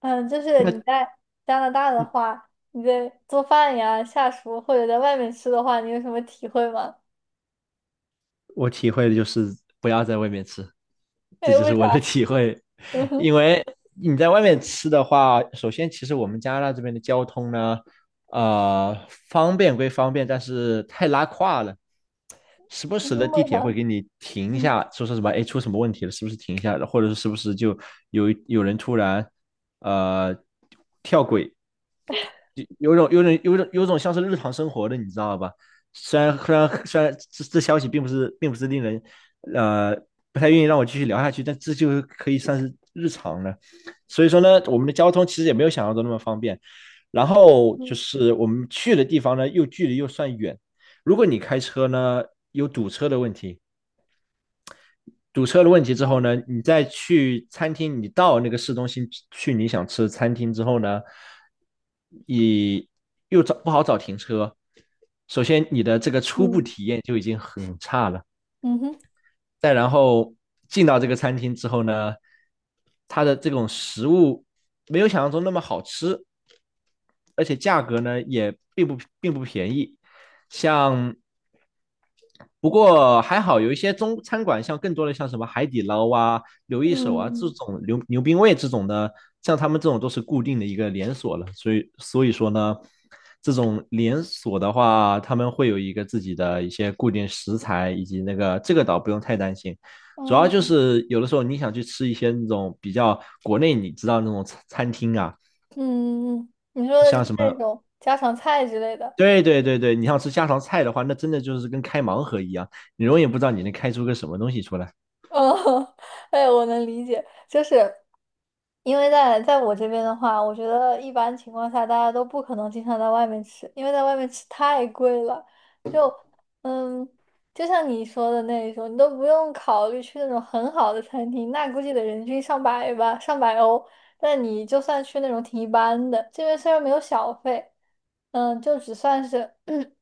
嗯，就是你那在加拿大的话，你在做饭呀、下厨或者在外面吃的话，你有什么体会吗？我体会的就是不要在外面吃，这哎，就为是啥？我的体会。嗯 哼，因为你在外面吃的话，首先其实我们加拿大这边的交通呢，呃，方便归方便，但是太拉胯了。时不时的嗯地为铁会啥？给你停一嗯下，说什么，哎，出什么问题了，是不是停一下了，或者是是不是就有人突然呃跳轨，有种像是日常生活的，你知道吧？虽然这消息并不是令人呃不太愿意让我继续聊下去，但这就是可以算是日常了。所以说呢，我们的交通其实也没有想象中那么方便。然后就嗯是我们去的地方呢，又距离又算远。如果你开车呢，有堵车的问题；堵车的问题之哦后呢，你再去餐厅，你到那个市中心去你想吃的餐厅之后呢，你又找不好找停车。首先，你的这个初步嗯体验就已经很差了。嗯哼再然后进到这个餐厅之后呢，它的这种食物没有想象中那么好吃，而且价格呢也并不便宜。像不过还好，有一些中餐馆，像更多的像什么海底捞啊、刘一手嗯啊这嗯种牛冰味这种的，像他们这种都是固定的一个连锁了，所以说呢，这种连锁的话，他们会有一个自己的一些固定食材，以及那个这个倒不用太担心，主要就嗯是有的时候你想去吃一些那种比较国内你知道那种餐厅啊，嗯嗯，你说的像是什那么。种家常菜之类的。对对对对，你要吃家常菜的话，那真的就是跟开盲盒一样，你永远不知道你能开出个什么东西出来。哦，哎，我能理解，就是因为在我这边的话，我觉得一般情况下大家都不可能经常在外面吃，因为在外面吃太贵了。就嗯，就像你说的那一种，你都不用考虑去那种很好的餐厅，那估计得人均上百吧，上百欧。但你就算去那种挺一般的，这边虽然没有小费，嗯，就只算是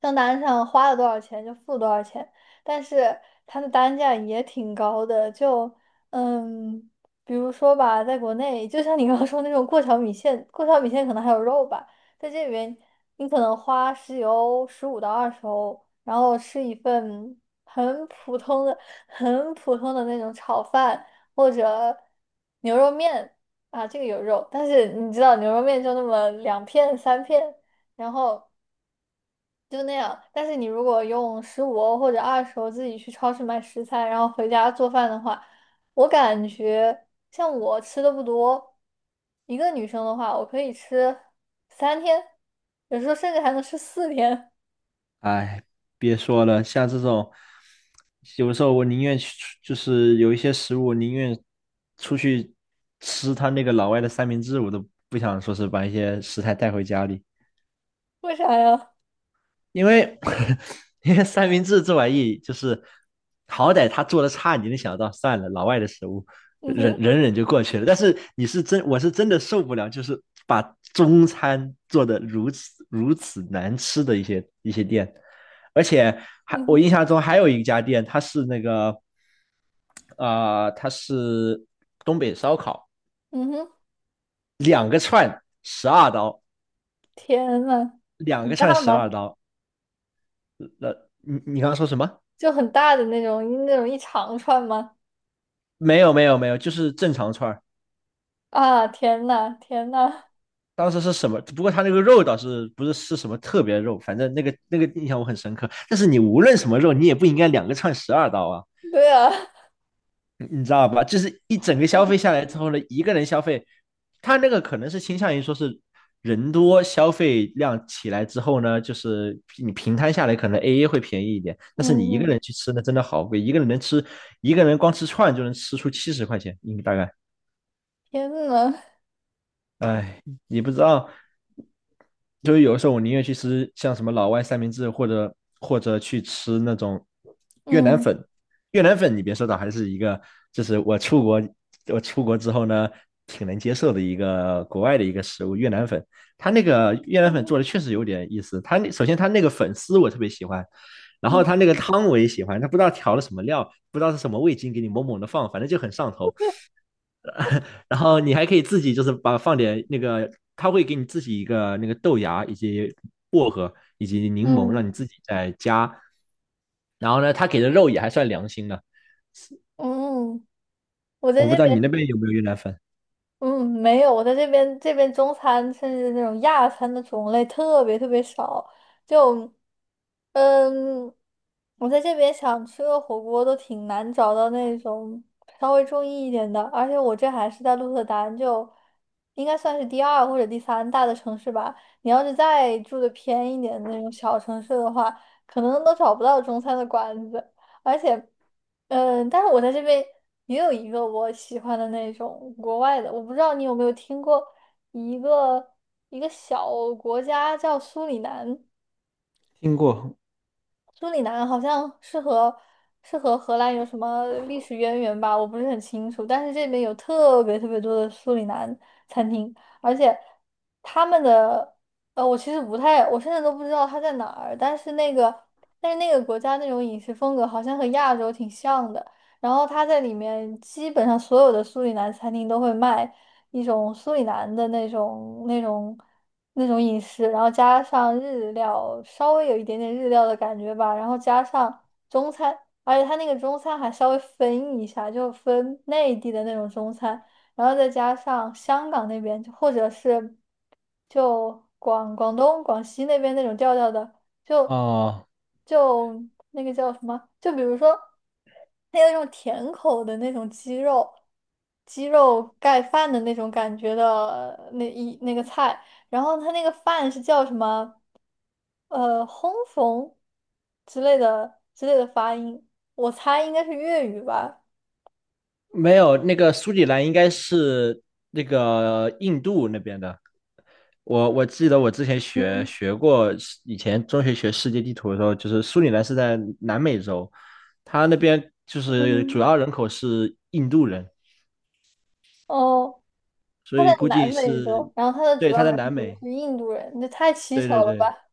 账单上花了多少钱就付多少钱，但是它的单价也挺高的，就嗯，比如说吧，在国内，就像你刚刚说那种过桥米线，过桥米线可能还有肉吧，在这里面你可能花十几欧、十五到二十欧，然后吃一份很普通的、很普通的那种炒饭或者牛肉面啊，这个有肉，但是你知道牛肉面就那么两片三片，然后。就那样。但是你如果用十五欧或者二十欧自己去超市买食材，然后回家做饭的话，我感觉像我吃的不多，一个女生的话，我可以吃三天，有时候甚至还能吃四天。哎，别说了，像这种，有的时候我宁愿去出就是有一些食物，我宁愿出去吃他那个老外的三明治，我都不想说是把一些食材带回家里。为啥呀？因为 因为三明治这玩意就是，好歹他做的差，你能想到，算了，老外的食物，嗯忍哼，忍忍就过去了。但是你是真，我是真的受不了，就是把中餐做的如此难吃的一些店，而且还嗯我哼，印象中还有一家店，它是那个它是东北烧烤，嗯哼，两个串十二刀，天呐，两很个串大十二吗？刀。那你刚刚说什么？就很大的那种，那种一长串吗？没有，就是正常串儿。啊，天呐，天呐，当时是什么？不过他那个肉倒是不是是什么特别肉，反正那个印象我很深刻。但是你无论什么肉，你也不应该两个串十二刀啊，对啊，你知道吧？就是一整个消费 下来之后呢，一个人消费，他那个可能是倾向于说是人多消费量起来之后呢，就是你平摊下来可能 AA 会便宜一点，但是嗯你一个人嗯，去吃呢，真的好贵，一个人能吃一个人光吃串就能吃出七十块钱，应该大概。天呐，哎，你不知道，就是有时候我宁愿去吃像什么老外三明治，或者或者去吃那种越南嗯粉。越南粉，你别说的，还是一个，就是我出国，我出国之后呢，挺能接受的一个国外的一个食物。越南粉，它那个越南粉嗯做的确实有点意思。它那首先它那个粉丝我特别喜欢，然后嗯它那个汤我也喜欢，它不知道调了什么料，不知道是什么味精给你猛猛的放，反正就很上头。然后你还可以自己就是把放点那个，他会给你自己一个那个豆芽以及薄荷以及柠檬，让你嗯。自己再加。然后呢，他给的肉也还算良心的。嗯，我我在不这知道你边，那边有没有越南粉？嗯，没有，我在这边中餐甚至那种亚餐的种类特别特别少，就，嗯，我在这边想吃个火锅都挺难找到那种稍微中意一点的，而且我这还是在鹿特丹，就应该算是第二或者第三大的城市吧。你要是再住的偏一点的那种小城市的话，可能都找不到中餐的馆子。而且，嗯、但是我在这边也有一个我喜欢的那种国外的，我不知道你有没有听过一个小国家叫苏里南，听过苏里南好像是和荷兰有什么历史渊源吧，我不是很清楚，但是这边有特别特别多的苏里南餐厅，而且他们的我其实不太，我现在都不知道它在哪儿，但是那个国家那种饮食风格好像和亚洲挺像的。然后他在里面基本上所有的苏里南餐厅都会卖一种苏里南的那种饮食，然后加上日料，稍微有一点点日料的感觉吧，然后加上中餐，而且他那个中餐还稍微分一下，就分内地的那种中餐，然后再加上香港那边，或者是就广东广西那边那种调调的。就哦，就那个叫什么？就比如说，它有那种甜口的那种鸡肉，鸡肉盖饭的那种感觉的那一那个菜，然后它那个饭是叫什么？烘缝之类的发音，我猜应该是粤语吧。没有，那个苏里兰应该是那个印度那边的。我记得我之前学嗯学过，以前中学学世界地图的时候，就是苏里兰是在南美洲，他那边就是主嗯，要人口是印度人，哦，所在以估南计美是，洲，然后它的对，主他要在人南口美，是印度人，这太蹊对对跷了对，吧？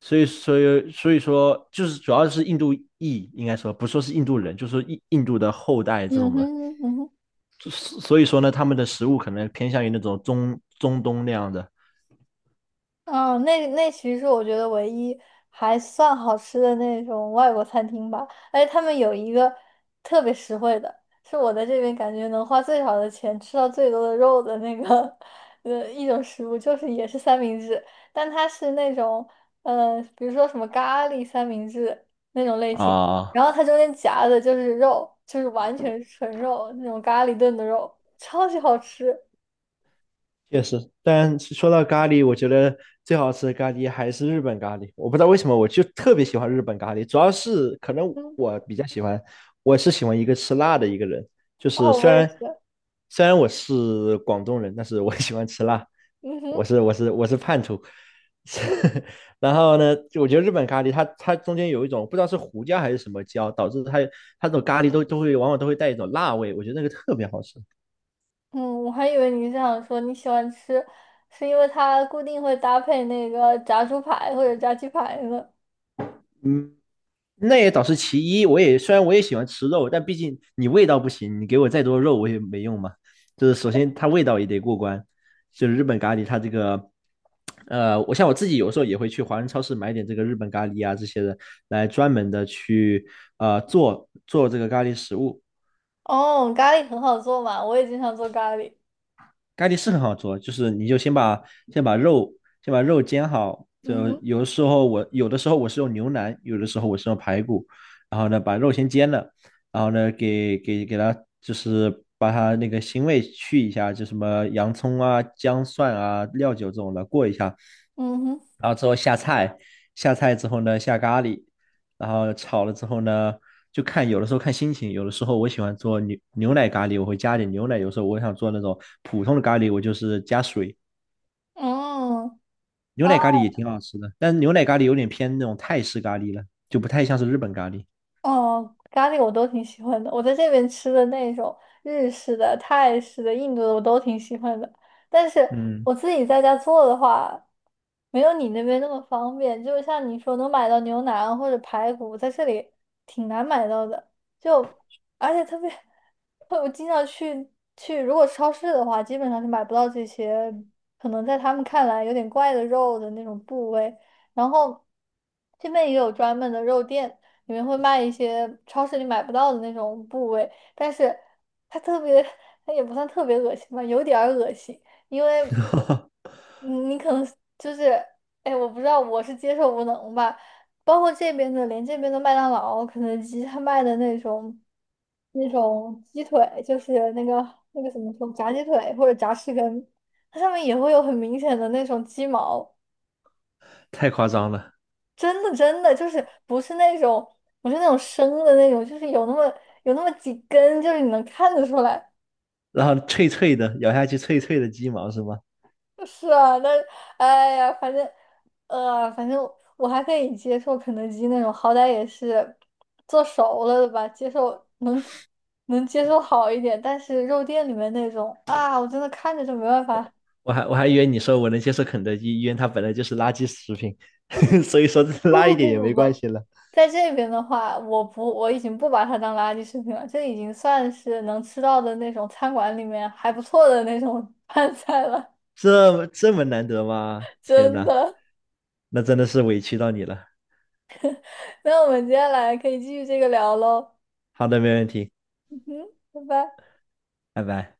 所以说就是主要是印度裔，应该说不说是印度人，就是说印度的后代这嗯种的，哼，嗯哼。所所以说呢，他们的食物可能偏向于那种中东那样的嗯，那那其实是我觉得唯一还算好吃的那种外国餐厅吧，而且他们有一个特别实惠的，是我在这边感觉能花最少的钱吃到最多的肉的那个 一种食物，就是也是三明治，但它是那种比如说什么咖喱三明治那种类型，啊、然后它中间夹的就是肉，就是完全是纯肉那种咖喱炖的肉，超级好吃。确实，但是说到咖喱，我觉得最好吃的咖喱还是日本咖喱。我不知道为什么，我就特别喜欢日本咖喱，主要是可能嗯，我比较喜欢，我是喜欢一个吃辣的一个人。就是哦，我虽也然是。虽然我是广东人，但是我 喜欢吃辣，嗯哼。我是叛徒。然后呢，就我觉得日本咖喱它中间有一种不知道是胡椒还是什么椒，导致它这种咖喱都会往往都会带一种辣味，我觉得那个特别好吃。嗯，我还以为你是想说你喜欢吃，是因为它固定会搭配那个炸猪排或者炸鸡排呢。嗯，那也倒是其一。我也虽然我也喜欢吃肉，但毕竟你味道不行，你给我再多肉我也没用嘛。就是首先它味道也得过关，就是日本咖喱它这个，我像我自己有时候也会去华人超市买点这个日本咖喱啊这些的，来专门的去做这个咖喱食物。哦，咖喱很好做嘛，我也经常做咖喱。咖喱是很好做，就是你就先把肉煎好，嗯就哼，有的时候我是用牛腩，有的时候我是用排骨，然后呢把肉先煎了，然后呢给它就是把它那个腥味去一下，就什么洋葱啊、姜蒜啊、料酒这种的过一下，嗯哼，然后之后下菜，下菜之后呢下咖喱，然后炒了之后呢，就看有的时候看心情，有的时候我喜欢做牛奶咖喱，我会加点牛奶；有时候我想做那种普通的咖喱，我就是加水。嗯哦。牛奶咖喱也挺好吃的，但是牛奶咖喱有点偏那种泰式咖喱了，就不太像是日本咖喱。哦，咖喱我都挺喜欢的。我在这边吃的那种日式的、泰式的、印度的，我都挺喜欢的。但是嗯，我自己在家做的话，没有你那边那么方便。就像你说，能买到牛腩或者排骨，在这里挺难买到的。就而且特别，我经常去去，如果超市的话，基本上是买不到这些，可能在他们看来有点怪的肉的那种部位。然后这边也有专门的肉店。里面会卖一些超市里买不到的那种部位，但是它特别，它也不算特别恶心吧，有点儿恶心，因为你可能就是，哎，我不知道我是接受无能吧，包括这边的，连这边的麦当劳、肯德基，他卖的那种那种鸡腿，就是那个什么说炸鸡腿或者炸翅根，它上面也会有很明显的那种鸡毛。太夸张了。真的就是不是那种，不是那种生的那种，就是有那么几根，就是你能看得出来。然后脆脆的，咬下去脆脆的鸡毛是吗？是啊，那哎呀，反正反正我还可以接受肯德基那种，好歹也是做熟了的吧，接受能接受好一点。但是肉店里面那种啊，我真的看着就没办法。我我还以为你说我能接受肯德基，因为它本来就是垃圾食品，所以说 不拉一不点不也不没关不。系了。在这边的话，我不，我已经不把它当垃圾食品了，这已经算是能吃到的那种餐馆里面还不错的那种 饭菜了，这这么难得吗？天真呐，的。那真的是委屈到你了。那我们接下来可以继续这个聊喽，好的，没问题，嗯哼，拜拜。拜拜。